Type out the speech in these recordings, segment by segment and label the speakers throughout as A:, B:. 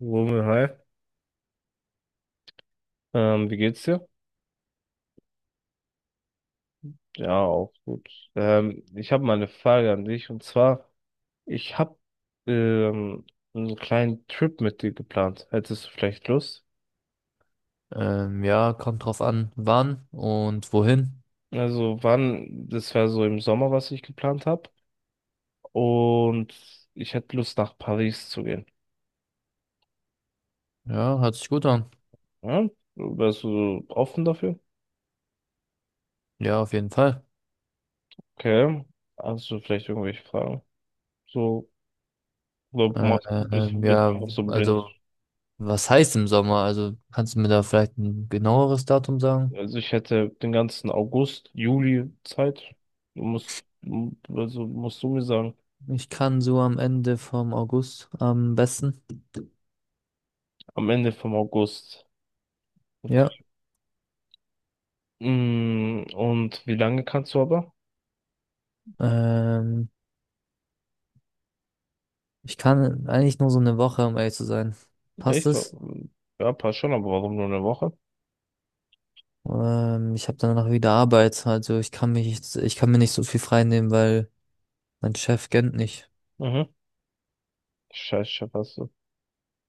A: Rummel, hi. Wie geht's dir? Ja, auch gut. Ich habe mal eine Frage an dich, und zwar, ich habe ähm, einen kleinen Trip mit dir geplant. Hättest du vielleicht Lust?
B: Ja, kommt drauf an, wann und wohin.
A: Also wann, das wäre so im Sommer, was ich geplant habe. Und ich hätte Lust, nach Paris zu gehen.
B: Ja, hört sich gut an.
A: Ja? Wärst du offen dafür?
B: Ja, auf jeden Fall.
A: Okay. Hast du vielleicht irgendwelche Fragen? So, oder
B: Äh,
A: machst du bist
B: ähm,
A: bist du
B: ja,
A: einfach so blind?
B: also, Was heißt im Sommer? Also, kannst du mir da vielleicht ein genaueres Datum sagen?
A: Also ich hätte den ganzen August, Juli Zeit. Du musst, also musst du mir sagen,
B: Ich kann so am Ende vom August am besten.
A: am Ende vom August.
B: Ja,
A: Und wie lange kannst du aber?
B: ähm, ich kann eigentlich nur so eine Woche, um ehrlich zu sein. Passt
A: Echt?
B: es?
A: Ja, passt schon, aber warum nur eine Woche?
B: Ich habe danach wieder Arbeit, also ich kann mir nicht so viel frei nehmen, weil mein Chef kennt nicht.
A: Mhm. Scheiße, passt so.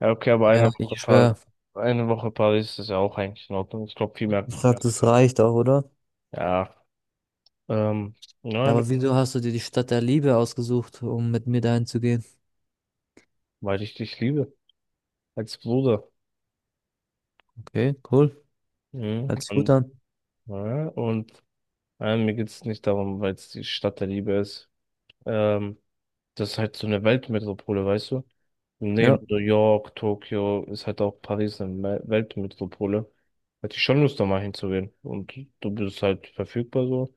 A: Ja, okay, aber
B: Ja, ich schwöre.
A: Eine Woche Paris ist ja auch eigentlich in Ordnung. Ich glaube, viel mehr.
B: Ich glaube, das
A: Genau.
B: reicht auch, oder?
A: Ja, ähm, nein,
B: Aber wieso hast du dir die Stadt der Liebe ausgesucht, um mit mir dahin zu gehen?
A: weil ich dich liebe. Als Bruder.
B: Okay, cool.
A: Mhm.
B: Hört sich gut an.
A: Ja. Mir geht es nicht darum, weil es die Stadt der Liebe ist. Ähm, Das ist halt so eine Weltmetropole, weißt du? Neben
B: Ja,
A: New York, Tokio ist halt auch Paris eine Weltmetropole. Hätte ich schon Lust, da mal hinzugehen. Und du bist halt verfügbar so.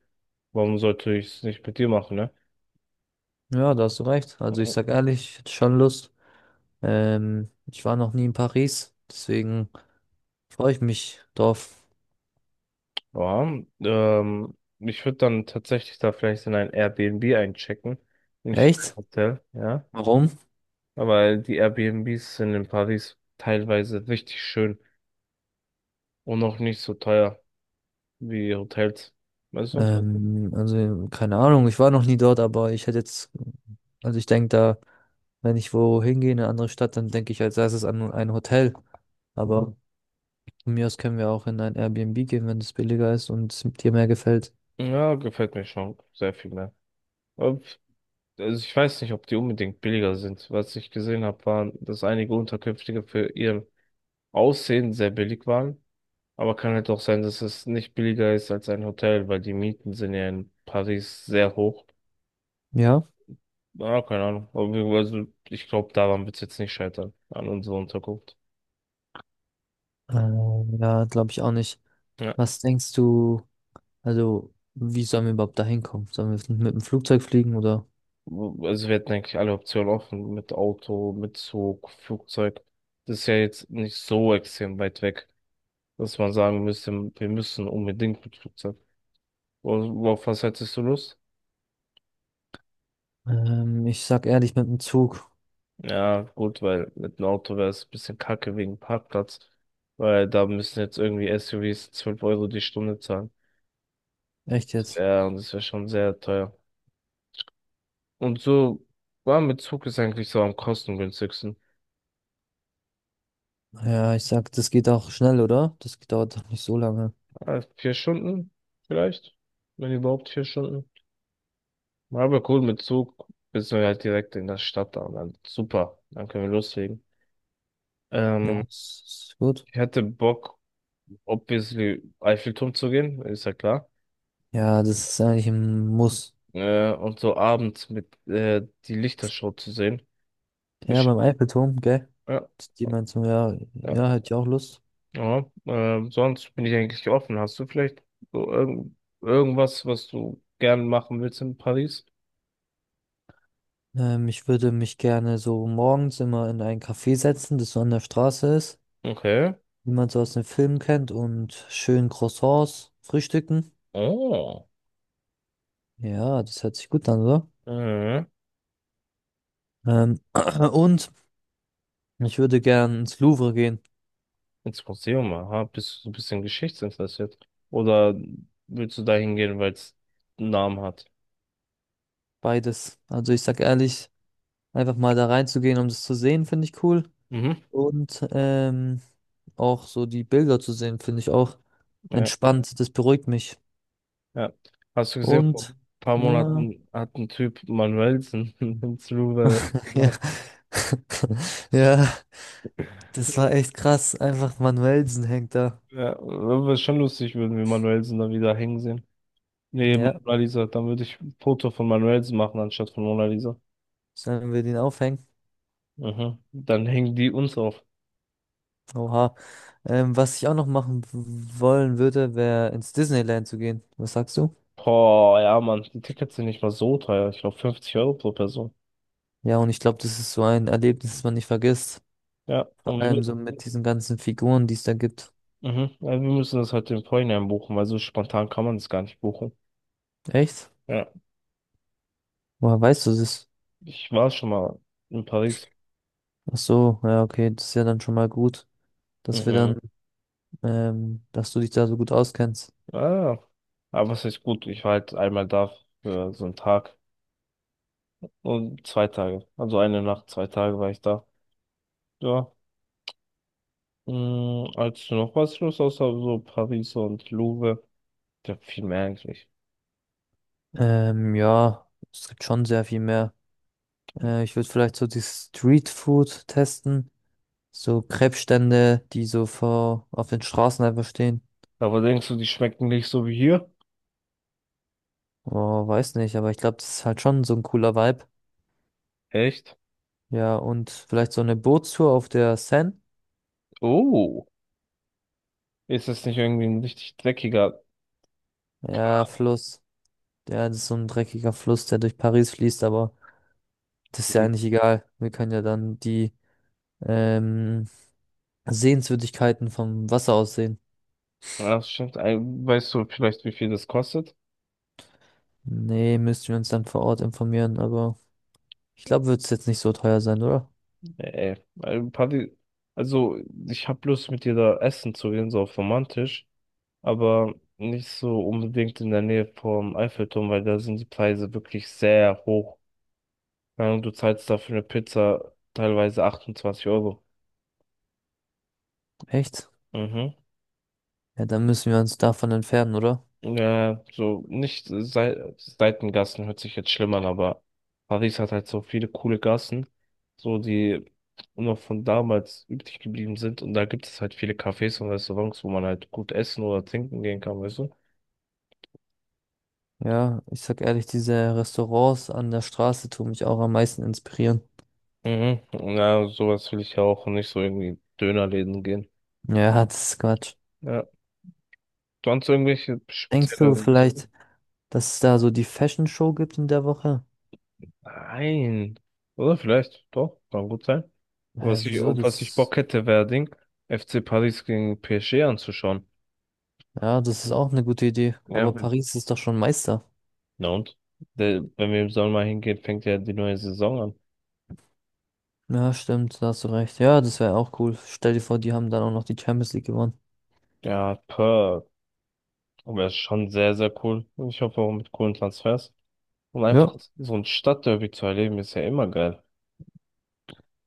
A: Warum sollte ich es nicht mit dir machen, ne?
B: ja, da hast du recht. Also ich
A: Mhm.
B: sag ehrlich, ich hätte schon Lust. Ich war noch nie in Paris, deswegen freue ich mich drauf.
A: Ja, ich würde dann tatsächlich da vielleicht in ein Airbnb einchecken, nicht in ein
B: Echt?
A: Hotel, ja.
B: Warum?
A: Aber die Airbnbs sind in Paris teilweise richtig schön und auch nicht so teuer wie Hotels. Weißt du?
B: Also keine Ahnung, ich war noch nie dort, aber ich hätte jetzt, also ich denke da, wenn ich wohin gehe, in eine andere Stadt, dann denke ich als Erstes an ein Hotel. Mhm. Aber von mir aus können wir auch in ein Airbnb gehen, wenn es billiger ist und es dir mehr gefällt.
A: Ja, gefällt mir schon sehr viel mehr. Ob- Also ich weiß nicht, ob die unbedingt billiger sind. Was ich gesehen habe, waren, dass einige Unterkünfte für ihr Aussehen sehr billig waren. Aber kann halt auch sein, dass es nicht billiger ist als ein Hotel, weil die Mieten sind ja in Paris sehr hoch.
B: Ja?
A: Ja, keine Ahnung. Also ich glaube, daran wird es jetzt nicht scheitern, an unserer Unterkunft.
B: Ja, Glaube ich auch nicht.
A: Ja.
B: Was denkst du, also wie sollen wir überhaupt da hinkommen? Sollen wir mit dem Flugzeug fliegen oder?
A: Also wir hätten eigentlich alle Optionen offen mit Auto, mit Zug, Flugzeug. Das ist ja jetzt nicht so extrem weit weg, dass man sagen müsste, wir müssen unbedingt mit Flugzeug. Worauf was hättest du Lust?
B: Ich sag ehrlich, mit dem Zug.
A: Ja, gut, weil mit einem Auto wäre es ein bisschen kacke wegen Parkplatz, weil da müssen jetzt irgendwie SUVs 12 € die Stunde zahlen.
B: Echt jetzt?
A: Ja, und das wäre schon sehr teuer. Und so, war mit Zug ist eigentlich so am kostengünstigsten.
B: Ja, ich sag, das geht auch schnell, oder? Das dauert doch nicht so lange.
A: 4 Stunden vielleicht, wenn überhaupt 4 Stunden. Ja, aber cool, mit Zug bist du halt direkt in der Stadt da und dann super, dann können wir loslegen.
B: Ja,
A: Ähm,
B: das ist gut.
A: Ich hätte Bock, obviously Eiffelturm zu gehen, ist ja klar.
B: Ja, das ist eigentlich ein Muss.
A: Und so abends mit die Lichtershow zu sehen.
B: Ja,
A: Ich,
B: beim Eiffelturm, gell?
A: ja,
B: Die meinst du, ja,
A: ja,
B: ja, hätte ich auch Lust.
A: ja. Sonst bin ich eigentlich offen. Hast du vielleicht so irgendwas, was du gern machen willst in Paris?
B: Ich würde mich gerne so morgens immer in ein Café setzen, das so an der Straße ist,
A: Okay.
B: wie man so aus den Filmen kennt, und schön Croissants frühstücken.
A: Oh.
B: Ja, das hört sich gut an, oder?
A: Mhm.
B: Ähm, und ich würde gern ins Louvre gehen.
A: Ins Museum, aha, bist du so ein bisschen geschichtsinteressiert? Oder willst du da hingehen, weil es einen Namen hat?
B: Beides. Also ich sag ehrlich, einfach mal da reinzugehen, um das zu sehen, finde ich cool.
A: Mhm.
B: Und auch so die Bilder zu sehen, finde ich auch
A: Ja,
B: entspannt. Das beruhigt mich.
A: ja. Hast du gesehen, vor ein
B: Und
A: paar
B: mhm,
A: Monaten hat ein Typ Manuelsen ins Louvre
B: ja,
A: gemacht.
B: ja, ja. Das war echt krass. Einfach Manuelsen hängt da.
A: Ja, wäre schon lustig, würden wir Manuelsen da wieder hängen sehen. Neben
B: Ja,
A: Mona Lisa, dann würde ich ein Foto von Manuelsen machen, anstatt von Mona Lisa.
B: sollen wir den aufhängen?
A: Mhm. Dann hängen die uns auf.
B: Oha. Was ich auch noch wollen würde, wäre ins Disneyland zu gehen. Was sagst du?
A: Boah, ja, Mann, die Tickets sind nicht mal so teuer. Ich glaube, 50 € pro Person.
B: Ja, und ich glaube, das ist so ein Erlebnis, das man nicht vergisst.
A: Ja.
B: Vor
A: und
B: allem
A: wir
B: so mit diesen ganzen Figuren, die es da gibt.
A: Mhm. Ja, wir müssen das halt im Vorhinein buchen, weil so spontan kann man das gar nicht buchen.
B: Echt?
A: Ja,
B: Woher weißt du das?
A: ich war schon mal in Paris.
B: Ach so, ja, okay, das ist ja dann schon mal gut, dass wir dann,
A: Mhm.
B: dass du dich da so gut auskennst.
A: Ah, ja, aber was heißt gut? Ich war halt einmal da für so einen Tag und zwei Tage. Also eine Nacht, zwei Tage war ich da. Ja, als noch was los, außer so Paris und Louvre. Ja, viel mehr eigentlich.
B: Ähm, ja, Es gibt schon sehr viel mehr. Ich würde vielleicht so die Street Food testen. So Krebsstände, die so vor auf den Straßen einfach stehen.
A: Aber denkst du, die schmecken nicht so wie hier?
B: Oh, weiß nicht, aber ich glaube, das ist halt schon so ein cooler Vibe.
A: Echt?
B: Ja, und vielleicht so eine Bootstour auf der Seine.
A: Oh, ist das nicht irgendwie ein richtig dreckiger?
B: Ja, Fluss. Ja, das ist so ein dreckiger Fluss, der durch Paris fließt, aber das ist ja eigentlich egal. Wir können ja dann die ähm, Sehenswürdigkeiten vom Wasser aus sehen.
A: Ja, das stimmt. Weißt du vielleicht, wie viel das kostet?
B: Nee, müssten wir uns dann vor Ort informieren, aber ich glaube, wird es jetzt nicht so teuer sein, oder?
A: Nee, also Paris, also ich hab Lust mit dir da essen zu gehen, so auf romantisch, aber nicht so unbedingt in der Nähe vom Eiffelturm, weil da sind die Preise wirklich sehr hoch. Keine Ahnung, du zahlst da für eine Pizza teilweise 28 Euro.
B: Echt?
A: Mhm.
B: Ja, dann müssen wir uns davon entfernen, oder?
A: Ja, so nicht Seitengassen hört sich jetzt schlimm an, aber Paris hat halt so viele coole Gassen, so die noch von damals übrig geblieben sind und da gibt es halt viele Cafés und Restaurants, wo man halt gut essen oder trinken gehen kann, weißt du?
B: Ja, ich sag ehrlich, diese Restaurants an der Straße tun mich auch am meisten inspirieren.
A: Mhm. Ja, sowas will ich ja auch und nicht so irgendwie Dönerläden gehen.
B: Ja, das ist Quatsch.
A: Ja. Sonst irgendwelche
B: Denkst du
A: spezielle.
B: vielleicht, dass es da so die Fashion Show gibt in der Woche?
A: Nein. Oder vielleicht, doch, kann gut sein.
B: Hä, wieso
A: Auf was ich
B: das?
A: Bock hätte, wäre Ding, FC Paris gegen PSG anzuschauen.
B: Ja, das ist auch eine gute Idee.
A: Ja,
B: Aber Paris ist doch schon Meister.
A: na und? Wenn wir im Sommer hingehen, fängt ja die neue Saison an.
B: Ja, stimmt, da hast du recht. Ja, das wäre auch cool. Stell dir vor, die haben dann auch noch die Champions League gewonnen.
A: Ja, Perth. Aber es ist schon sehr, sehr cool. Und ich hoffe auch mit coolen Transfers. Und
B: Ja.
A: einfach so ein Stadtderby zu erleben, ist ja immer geil.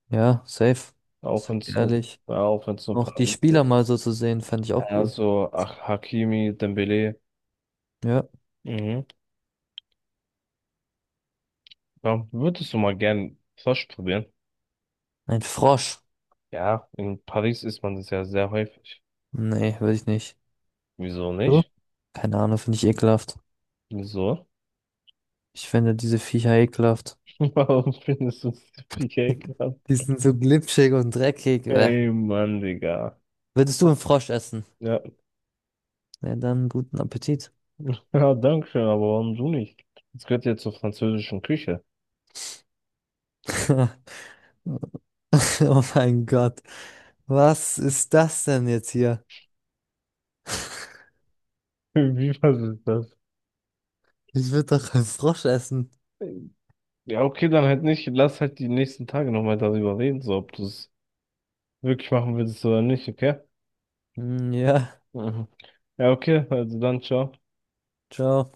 B: Ja, safe. Ich
A: Auch wenn
B: sag
A: es
B: dir
A: nur,
B: ehrlich.
A: Ja, auch wenn es nur
B: Auch die
A: Paris
B: Spieler
A: ist.
B: mal so zu sehen, fand ich auch cool.
A: Also, ach, Hakimi, Dembele.
B: Ja.
A: Mhm. Ja, würdest du mal gern Frosch probieren?
B: Ein Frosch.
A: Ja, in Paris isst man das ja sehr häufig.
B: Nee, würde ich nicht.
A: Wieso
B: Du?
A: nicht?
B: Keine Ahnung, finde ich ekelhaft.
A: Wieso?
B: Ich finde diese Viecher ekelhaft.
A: Warum findest du es so viel Geld gehabt?
B: Die sind so glitschig und dreckig. Bäh.
A: Ey, Mann, Digga.
B: Würdest du einen Frosch essen?
A: Ja,
B: Ja, dann guten Appetit.
A: ja, danke schön, aber warum du nicht? Es gehört ja zur französischen Küche.
B: Oh mein Gott. Was ist das denn jetzt hier?
A: Wie was ist das?
B: Ich würde doch einen Frosch essen.
A: Ja, okay, dann halt nicht. Lass halt die nächsten Tage nochmal darüber reden, so ob du es wirklich machen willst oder nicht, okay?
B: Hm, ja,
A: Mhm. Ja, okay, also dann, ciao.
B: ciao.